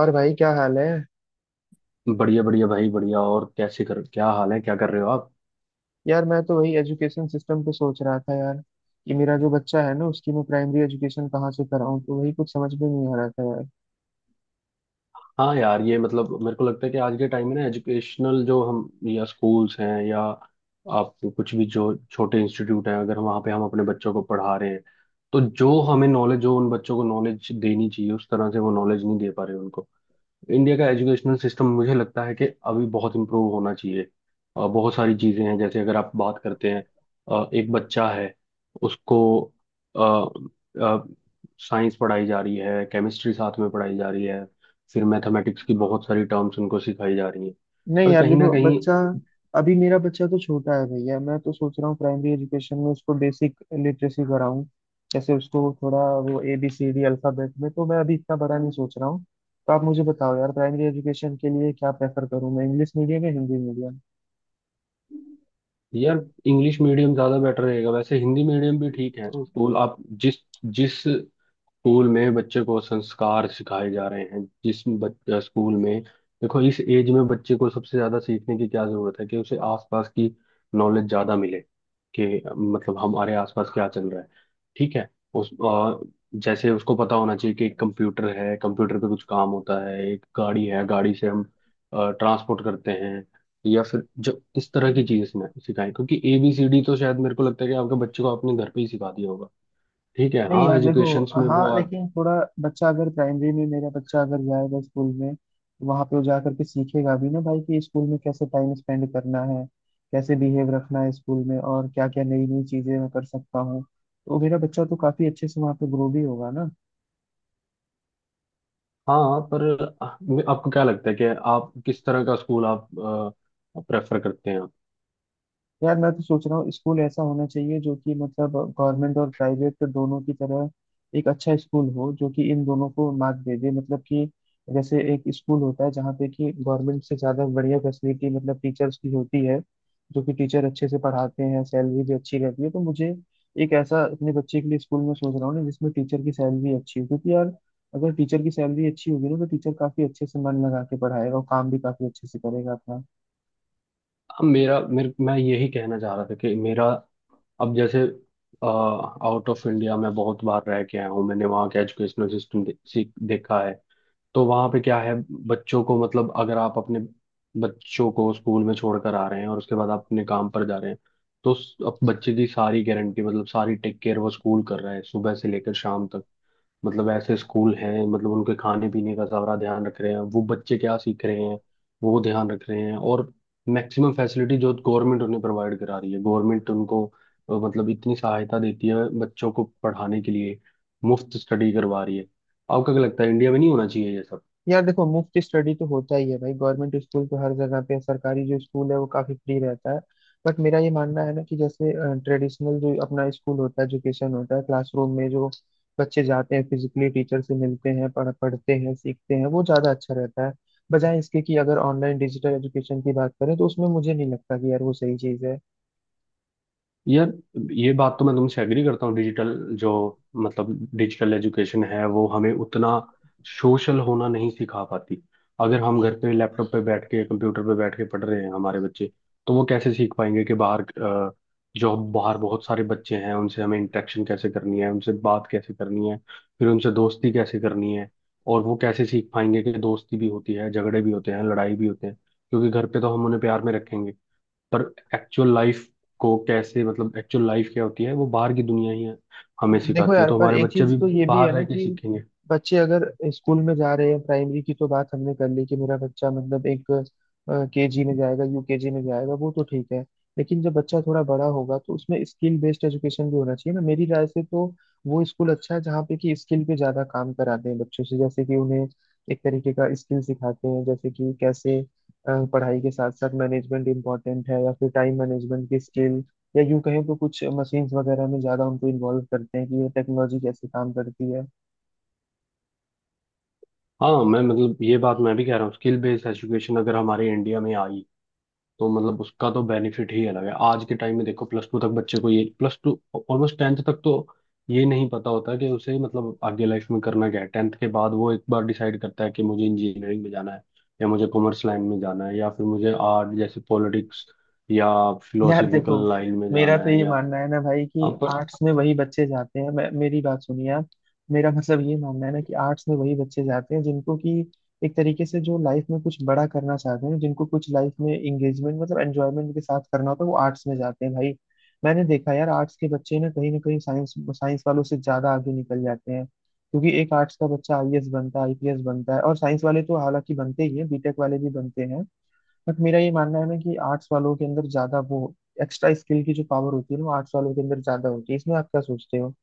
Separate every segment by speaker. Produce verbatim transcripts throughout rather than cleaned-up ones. Speaker 1: और भाई क्या हाल है?
Speaker 2: बढ़िया बढ़िया भाई बढ़िया। और कैसे कर क्या हाल है? क्या कर रहे हो आप?
Speaker 1: यार मैं तो वही एजुकेशन सिस्टम पे सोच रहा था यार कि मेरा जो बच्चा है ना उसकी मैं प्राइमरी एजुकेशन कहाँ से कराऊं, तो वही कुछ समझ में नहीं आ रहा था यार।
Speaker 2: हाँ यार, ये मतलब मेरे को लगता है कि आज के टाइम में ना एजुकेशनल जो हम या स्कूल्स हैं, या आप कुछ भी जो छोटे इंस्टीट्यूट हैं, अगर वहाँ पे हम अपने बच्चों को पढ़ा रहे हैं तो जो हमें नॉलेज जो उन बच्चों को नॉलेज देनी चाहिए उस तरह से वो नॉलेज नहीं दे पा रहे उनको। इंडिया का एजुकेशनल सिस्टम मुझे लगता है कि अभी बहुत इम्प्रूव होना चाहिए। अ, बहुत सारी चीज़ें हैं, जैसे अगर आप बात करते हैं, अ, एक बच्चा है, उसको साइंस पढ़ाई जा रही है, केमिस्ट्री साथ में पढ़ाई जा रही है, फिर मैथमेटिक्स की बहुत सारी टर्म्स उनको सिखाई जा रही हैं,
Speaker 1: नहीं
Speaker 2: पर
Speaker 1: यार
Speaker 2: कहीं ना
Speaker 1: देखो
Speaker 2: कहीं।
Speaker 1: बच्चा, अभी मेरा बच्चा तो छोटा है भैया। मैं तो सोच रहा हूँ प्राइमरी एजुकेशन में उसको बेसिक लिटरेसी कराऊं। जैसे उसको थोड़ा वो A B C D alphabet में तो मैं अभी इतना बड़ा नहीं सोच रहा हूँ। तो आप मुझे बताओ यार, प्राइमरी एजुकेशन के लिए क्या प्रेफर करूँ मैं, इंग्लिश मीडियम या हिंदी मीडियम?
Speaker 2: यार, इंग्लिश मीडियम ज़्यादा बेटर रहेगा, वैसे हिंदी मीडियम भी ठीक है। स्कूल आप जिस जिस स्कूल में बच्चे को संस्कार सिखाए जा रहे हैं, जिस बच्चा स्कूल में। देखो, इस एज में बच्चे को सबसे ज्यादा सीखने की क्या जरूरत है कि उसे आसपास की नॉलेज ज्यादा मिले, कि मतलब हमारे आसपास क्या चल रहा है। ठीक है। उस अ, जैसे उसको पता होना चाहिए कि एक कंप्यूटर है, कंप्यूटर पे कुछ काम होता है, एक गाड़ी है, गाड़ी से हम ट्रांसपोर्ट करते हैं। या फिर जब इस तरह की चीजें सिखा- सिखाएं, क्योंकि ए बी सी डी तो शायद मेरे को लगता है कि आपके बच्चे को आपने घर पे ही सिखा दिया होगा। ठीक है,
Speaker 1: नहीं
Speaker 2: हाँ,
Speaker 1: यार देखो।
Speaker 2: एजुकेशन में
Speaker 1: हाँ
Speaker 2: वो।
Speaker 1: लेकिन थोड़ा बच्चा अगर प्राइमरी में, मेरा बच्चा अगर जाएगा स्कूल में तो वहां पे वो जा करके सीखेगा भी ना भाई कि स्कूल में कैसे टाइम स्पेंड करना है, कैसे बिहेव रखना है स्कूल में, और क्या क्या नई नई चीजें मैं कर सकता हूँ। तो मेरा बच्चा तो काफी अच्छे से वहां पे ग्रो भी होगा ना।
Speaker 2: हाँ, पर आपको क्या लगता है कि आप किस तरह का स्कूल आप प्रेफर करते हैं?
Speaker 1: यार मैं तो सोच रहा हूँ स्कूल ऐसा होना चाहिए जो कि मतलब गवर्नमेंट और प्राइवेट दोनों की तरह एक अच्छा स्कूल हो, जो कि इन दोनों को मात दे दे। मतलब कि जैसे एक स्कूल होता है जहाँ पे कि गवर्नमेंट से ज़्यादा बढ़िया फैसिलिटी मतलब टीचर्स की होती है, जो कि टीचर अच्छे से पढ़ाते हैं, सैलरी भी अच्छी रहती है। तो मुझे एक ऐसा अपने बच्चे के लिए स्कूल में सोच रहा हूँ ना जिसमें टीचर की सैलरी अच्छी हो, क्योंकि यार अगर टीचर की सैलरी अच्छी होगी ना तो टीचर काफ़ी अच्छे से मन लगा के पढ़ाएगा और काम भी काफ़ी अच्छे से करेगा अपना।
Speaker 2: अब मेरा मेरे मैं यही कहना चाह रहा था कि मेरा, अब जैसे आउट ऑफ इंडिया मैं बहुत बार रह के आया हूँ, मैंने वहाँ का एजुकेशनल सिस्टम दे, सीख देखा है। तो वहाँ पे क्या है, बच्चों को मतलब अगर आप अपने बच्चों को स्कूल में छोड़कर आ रहे हैं और उसके बाद आप अपने काम पर जा रहे हैं, तो उस- अब बच्चे की सारी गारंटी मतलब सारी टेक केयर वो स्कूल कर रहा है, सुबह से लेकर शाम तक। मतलब ऐसे स्कूल हैं, मतलब उनके खाने पीने का सारा ध्यान रख रहे हैं, वो बच्चे क्या सीख रहे हैं वो ध्यान रख रहे हैं, और मैक्सिमम फैसिलिटी जो गवर्नमेंट उन्हें प्रोवाइड करा रही है। गवर्नमेंट उनको अ, मतलब इतनी सहायता देती है बच्चों को पढ़ाने के लिए, मुफ्त स्टडी करवा रही है। आपको क्या लगता है इंडिया में नहीं होना चाहिए ये सब?
Speaker 1: यार देखो, मुफ्त स्टडी तो होता ही है भाई, गवर्नमेंट स्कूल तो हर जगह पे है, सरकारी जो स्कूल है वो काफी फ्री रहता है। बट मेरा ये मानना है ना कि जैसे ट्रेडिशनल जो अपना स्कूल होता है, एजुकेशन होता है क्लासरूम में, जो बच्चे जाते हैं फिजिकली टीचर से मिलते हैं, पढ़ पढ़ते हैं सीखते हैं, वो ज्यादा अच्छा रहता है, बजाय इसके कि अगर ऑनलाइन डिजिटल एजुकेशन की बात करें तो उसमें मुझे नहीं लगता कि यार वो सही चीज है।
Speaker 2: यार, ये बात तो मैं तुमसे एग्री करता हूँ। डिजिटल जो मतलब डिजिटल एजुकेशन है वो हमें उतना सोशल होना नहीं सिखा पाती। अगर हम घर पे लैपटॉप पे बैठ के, कंप्यूटर पे बैठ के पढ़ रहे हैं हमारे बच्चे, तो वो कैसे सीख पाएंगे कि बाहर अ, जो बाहर बहुत सारे बच्चे हैं उनसे हमें इंटरेक्शन कैसे करनी है, उनसे बात कैसे करनी है, फिर उनसे दोस्ती कैसे करनी है, और वो कैसे सीख पाएंगे कि दोस्ती भी होती है, झगड़े भी होते हैं, लड़ाई भी होते हैं, क्योंकि घर पे तो हम उन्हें प्यार में रखेंगे। पर एक्चुअल लाइफ को कैसे, मतलब एक्चुअल लाइफ क्या होती है वो बाहर की दुनिया ही है, हमें
Speaker 1: देखो
Speaker 2: सिखाती है,
Speaker 1: यार,
Speaker 2: तो
Speaker 1: पर
Speaker 2: हमारे
Speaker 1: एक
Speaker 2: बच्चे
Speaker 1: चीज
Speaker 2: भी
Speaker 1: तो ये भी है
Speaker 2: बाहर
Speaker 1: ना
Speaker 2: रह के
Speaker 1: कि
Speaker 2: सीखेंगे।
Speaker 1: बच्चे अगर स्कूल में जा रहे हैं प्राइमरी की, तो बात हमने कर ली कि मेरा बच्चा मतलब एक केजी में जाएगा, यूकेजी में जाएगा, वो तो ठीक है। लेकिन जब बच्चा थोड़ा बड़ा होगा तो उसमें स्किल बेस्ड एजुकेशन भी होना चाहिए ना मेरी राय से। तो वो स्कूल अच्छा है जहाँ पे कि स्किल पे ज्यादा काम कराते हैं बच्चों से, जैसे कि उन्हें एक तरीके का स्किल सिखाते हैं, जैसे कि कैसे अ, पढ़ाई के साथ साथ मैनेजमेंट इम्पोर्टेंट है, या फिर टाइम मैनेजमेंट की स्किल, या यूं कहें तो कुछ मशीन्स वगैरह में ज्यादा उनको इन्वॉल्व करते हैं कि ये टेक्नोलॉजी कैसे काम करती है।
Speaker 2: हाँ मैं मतलब, ये बात मैं भी कह रहा हूँ, स्किल बेस्ड एजुकेशन अगर हमारे इंडिया में आई तो मतलब उसका तो बेनिफिट ही अलग है। आज के टाइम में देखो, प्लस टू तक बच्चे को, ये प्लस टू ऑलमोस्ट टेंथ तक तो ये नहीं पता होता कि उसे मतलब आगे लाइफ में करना क्या है। टेंथ के बाद वो एक बार डिसाइड करता है कि मुझे इंजीनियरिंग में जाना है, या मुझे कॉमर्स लाइन में जाना है, या फिर मुझे आर्ट जैसे पॉलिटिक्स, या
Speaker 1: यार देखो,
Speaker 2: फिलोसफिकल लाइन में
Speaker 1: मेरा
Speaker 2: जाना
Speaker 1: तो
Speaker 2: है,
Speaker 1: ये
Speaker 2: या।
Speaker 1: मानना है ना भाई कि
Speaker 2: हाँ, पर
Speaker 1: आर्ट्स में वही बच्चे जाते हैं। मैं, मेरी बात सुनिए आप। मेरा मतलब ये मानना है ना कि आर्ट्स में वही बच्चे जाते हैं जिनको कि एक तरीके से जो लाइफ में कुछ बड़ा करना चाहते हैं, जिनको कुछ लाइफ में इंगेजमेंट मतलब एंजॉयमेंट के साथ करना होता है, वो आर्ट्स में जाते हैं भाई। मैंने देखा यार, आर्ट्स के बच्चे ना कहीं ना कहीं साइंस साइंस वालों से ज्यादा आगे निकल जाते हैं, क्योंकि एक आर्ट्स का बच्चा आईएएस बनता है आईपीएस बनता है, और साइंस वाले तो हालांकि बनते ही हैं, बीटेक वाले भी बनते हैं। बट मेरा ये मानना है ना कि आर्ट्स वालों के अंदर ज्यादा वो एक्स्ट्रा स्किल की जो पावर होती है ना, वो आर्ट्स वालों के अंदर ज्यादा होती है। इसमें आप क्या सोचते हो?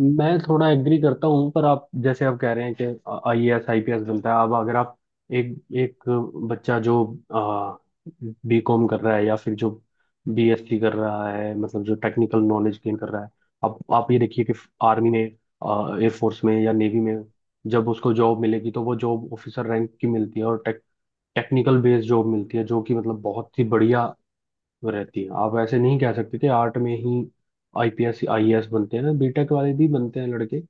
Speaker 2: मैं थोड़ा एग्री करता हूँ। पर आप जैसे आप कह रहे हैं कि आईएएस आईपीएस बनता है, अब अगर आप एक एक बच्चा जो बीकॉम कर रहा है, या फिर जो बीएससी कर रहा है, मतलब जो टेक्निकल नॉलेज गेन कर रहा है, अब आप ये देखिए कि आर्मी में, एयरफोर्स में या नेवी में जब उसको जॉब मिलेगी, तो वो जॉब ऑफिसर रैंक की मिलती है, और टेक टेक्निकल बेस्ड जॉब मिलती है, जो कि मतलब बहुत ही बढ़िया वो रहती है। आप ऐसे नहीं कह सकते कि आर्ट में ही आईपीएस आईएएस बनते हैं, बीटेक वाले भी बनते हैं लड़के,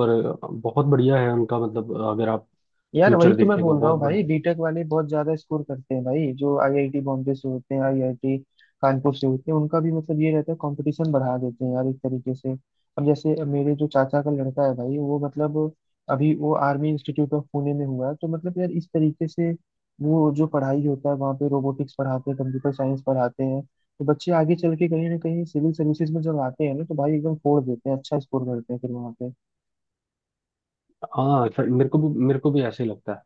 Speaker 2: पर बहुत बढ़िया है उनका, मतलब अगर आप
Speaker 1: यार वही
Speaker 2: फ्यूचर
Speaker 1: तो मैं
Speaker 2: देखें तो
Speaker 1: बोल रहा
Speaker 2: बहुत
Speaker 1: हूँ भाई,
Speaker 2: बढ़िया है।
Speaker 1: बीटेक वाले बहुत ज्यादा स्कोर करते हैं भाई, जो आईआईटी बॉम्बे से होते हैं, आईआईटी कानपुर से होते हैं, उनका भी मतलब ये रहता है, कंपटीशन बढ़ा देते हैं यार एक तरीके से। अब जैसे मेरे जो चाचा का लड़का है भाई, वो मतलब अभी वो आर्मी इंस्टीट्यूट ऑफ पुणे में हुआ है, तो मतलब यार इस तरीके से वो जो पढ़ाई होता है वहाँ पे, रोबोटिक्स पढ़ाते हैं कंप्यूटर साइंस पढ़ाते हैं। तो बच्चे आगे चल के कहीं ना कहीं सिविल सर्विसेज में जब आते हैं ना, तो भाई एकदम फोड़ देते हैं, अच्छा स्कोर करते हैं फिर वहाँ पे।
Speaker 2: हाँ सर, मेरे को भी मेरे को भी ऐसे ही लगता है।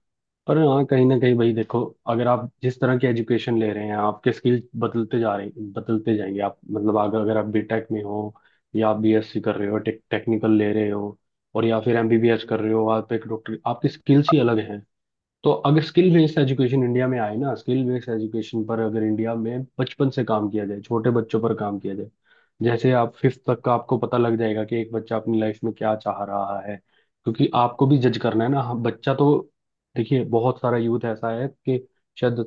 Speaker 2: पर हाँ, कहीं ना कहीं भाई देखो, अगर आप जिस तरह की एजुकेशन ले रहे हैं आपके स्किल बदलते जा रहे बदलते जाएंगे। आप मतलब अगर अगर आप बीटेक में हो, या आप बीएससी कर रहे हो, टेक, टेक्निकल ले रहे हो, और या फिर एमबीबीएस कर रहे हो, आप एक डॉक्टर, आपकी स्किल्स ही अलग हैं। तो अगर स्किल बेस्ड एजुकेशन इंडिया में आए ना, स्किल बेस्ड एजुकेशन पर अगर इंडिया में बचपन से काम किया जाए, छोटे बच्चों पर काम किया जाए, जैसे आप फिफ्थ तक का, आपको पता लग जाएगा कि एक बच्चा अपनी लाइफ में क्या चाह रहा है, क्योंकि आपको भी जज करना है ना। हम- बच्चा तो देखिए, बहुत सारा यूथ ऐसा है कि शायद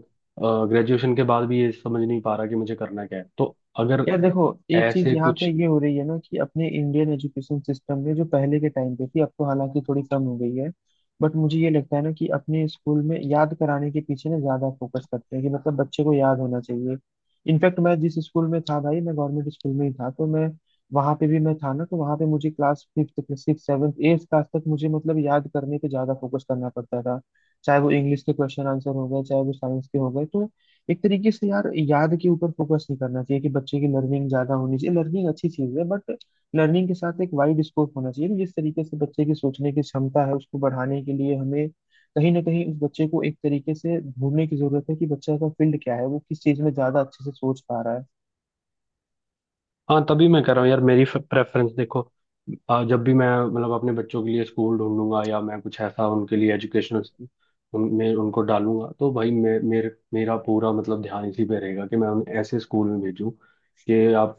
Speaker 2: ग्रेजुएशन के बाद भी ये समझ नहीं पा रहा कि मुझे करना क्या है, तो अगर
Speaker 1: यार देखो, एक चीज
Speaker 2: ऐसे
Speaker 1: यहाँ पे
Speaker 2: कुछ।
Speaker 1: ये हो रही है ना कि अपने इंडियन एजुकेशन सिस्टम में जो पहले के टाइम पे थी, अब तो हालांकि थोड़ी कम हो गई है। बट मुझे ये लगता है ना कि अपने स्कूल में याद कराने के पीछे ना ज्यादा फोकस करते हैं, कि मतलब बच्चे को याद होना चाहिए। इनफैक्ट मैं जिस स्कूल में था भाई, मैं गवर्नमेंट स्कूल में ही था, तो मैं वहां पे भी मैं था ना, तो वहां पे मुझे class fifth six seventh eighth class तक मुझे मतलब याद करने पे ज्यादा फोकस करना पड़ता था, चाहे वो इंग्लिश के क्वेश्चन आंसर हो गए, चाहे वो साइंस के हो गए। तो एक तरीके से यार, याद के ऊपर फोकस नहीं करना चाहिए, कि बच्चे की लर्निंग ज्यादा होनी चाहिए, लर्निंग अच्छी चीज है, बट लर्निंग के साथ एक वाइड स्कोप होना चाहिए। जिस तरीके से बच्चे की सोचने की क्षमता है उसको बढ़ाने के लिए हमें कहीं ना कहीं उस बच्चे को एक तरीके से ढूंढने की जरूरत है कि बच्चे का फील्ड क्या है, वो किस चीज में ज्यादा अच्छे से सोच पा रहा है।
Speaker 2: हाँ तभी मैं कह रहा हूँ यार, मेरी प्रेफरेंस देखो, आ, जब भी मैं मतलब अपने बच्चों के लिए स्कूल ढूंढूंगा, या मैं कुछ ऐसा उनके लिए एजुकेशनल उन, मैं उनको डालूंगा, तो भाई मे, मेरे मेरा पूरा मतलब ध्यान इसी पे रहेगा कि मैं उन्हें ऐसे स्कूल में भेजूँ, कि आप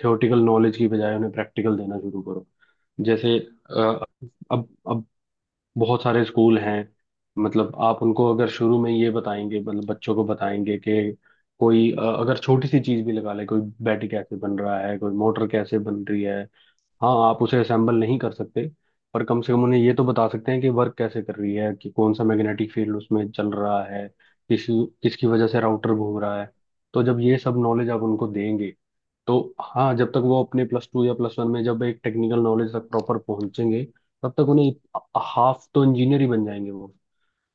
Speaker 2: थ्योरेटिकल नॉलेज की बजाय उन्हें प्रैक्टिकल देना शुरू करो। जैसे अ, अब अब बहुत सारे स्कूल हैं, मतलब आप उनको अगर शुरू में ये बताएंगे, मतलब बच्चों को बताएंगे कि कोई अ, अगर छोटी सी चीज भी लगा ले, कोई बैटरी कैसे बन रहा है, कोई मोटर कैसे बन रही है। हाँ, आप उसे असेंबल नहीं कर सकते, पर कम से कम उन्हें ये तो बता सकते हैं कि वर्क कैसे कर रही है, कि कौन सा मैग्नेटिक फील्ड उसमें चल रहा है, किस किसकी वजह से राउटर घूम रहा है। तो जब ये सब नॉलेज आप उनको देंगे, तो हाँ, जब तक वो अपने प्लस टू या प्लस वन में जब एक टेक्निकल नॉलेज तक प्रॉपर पहुंचेंगे, तब तक उन्हें हाफ तो इंजीनियर ही बन जाएंगे वो।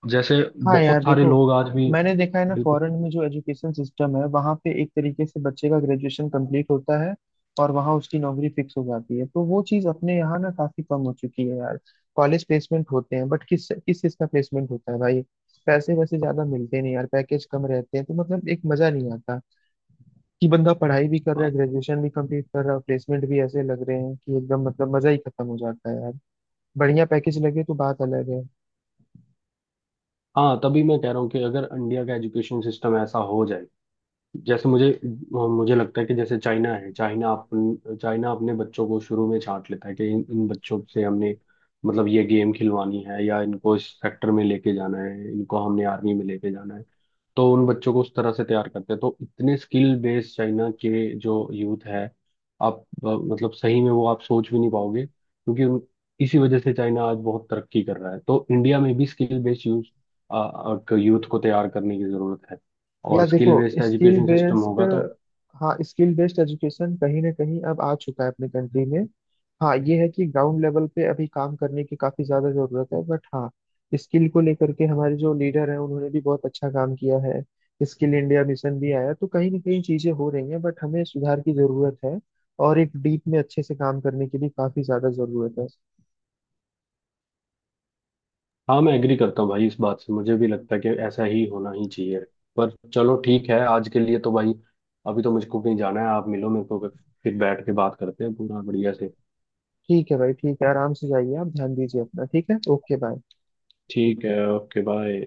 Speaker 2: जैसे
Speaker 1: हाँ यार
Speaker 2: बहुत सारे
Speaker 1: देखो,
Speaker 2: लोग आज भी।
Speaker 1: मैंने देखा है ना,
Speaker 2: बिल्कुल।
Speaker 1: फॉरेन में जो एजुकेशन सिस्टम है वहाँ पे एक तरीके से बच्चे का ग्रेजुएशन कंप्लीट होता है और वहाँ उसकी नौकरी फिक्स हो जाती है। तो वो चीज़ अपने यहाँ ना काफी कम हो चुकी है यार। कॉलेज प्लेसमेंट होते हैं, बट किस किस चीज़ का प्लेसमेंट होता है भाई, पैसे वैसे ज्यादा मिलते नहीं यार, पैकेज कम रहते हैं, तो मतलब एक मजा नहीं आता कि बंदा पढ़ाई भी कर रहा है,
Speaker 2: हाँ।
Speaker 1: ग्रेजुएशन भी कंप्लीट कर रहा है, प्लेसमेंट भी ऐसे लग रहे हैं कि एकदम मतलब मजा ही खत्म हो जाता है यार। बढ़िया पैकेज लगे तो बात अलग है।
Speaker 2: हाँ तभी मैं कह रहा हूँ कि अगर इंडिया का एजुकेशन सिस्टम ऐसा हो जाए, जैसे मुझे मुझे लगता है कि जैसे चाइना है, चाइना अपन चाइना अपने बच्चों को शुरू में छांट लेता है कि इन इन बच्चों से हमने मतलब ये गेम खिलवानी है, या इनको इस सेक्टर में लेके जाना है, इनको हमने आर्मी में लेके जाना है, तो उन बच्चों को उस तरह से तैयार करते हैं। तो इतने स्किल बेस्ड चाइना के जो यूथ है, आप अ, मतलब सही में, वो आप सोच भी नहीं पाओगे, क्योंकि उन इसी वजह से चाइना आज बहुत तरक्की कर रहा है। तो इंडिया में भी स्किल बेस्ड यूथ यूथ को तैयार करने की जरूरत है,
Speaker 1: या
Speaker 2: और
Speaker 1: देखो,
Speaker 2: skill based
Speaker 1: skill
Speaker 2: education system
Speaker 1: based,
Speaker 2: होगा तो।
Speaker 1: हाँ स्किल बेस्ड एजुकेशन कहीं ना कहीं अब आ चुका है अपने कंट्री में। हाँ ये है कि ग्राउंड लेवल पे अभी काम करने की काफी ज्यादा जरूरत है, बट हाँ स्किल को लेकर के हमारे जो लीडर हैं उन्होंने भी बहुत अच्छा काम किया है। स्किल इंडिया मिशन भी आया, तो कहीं ना कहीं चीजें हो रही हैं, बट हमें सुधार की जरूरत है और एक डीप में अच्छे से काम करने की भी काफी ज्यादा जरूरत है।
Speaker 2: हाँ मैं एग्री करता हूँ भाई इस बात से, मुझे भी लगता है कि ऐसा ही होना ही चाहिए। पर चलो ठीक है आज के लिए तो भाई, अभी तो मुझको कहीं जाना है। आप मिलो मेरे को, फिर बैठ के बात करते हैं पूरा बढ़िया से।
Speaker 1: ठीक है भाई, ठीक है आराम से जाइए आप, ध्यान दीजिए अपना। ठीक है, ओके बाय।
Speaker 2: ठीक है, ओके बाय।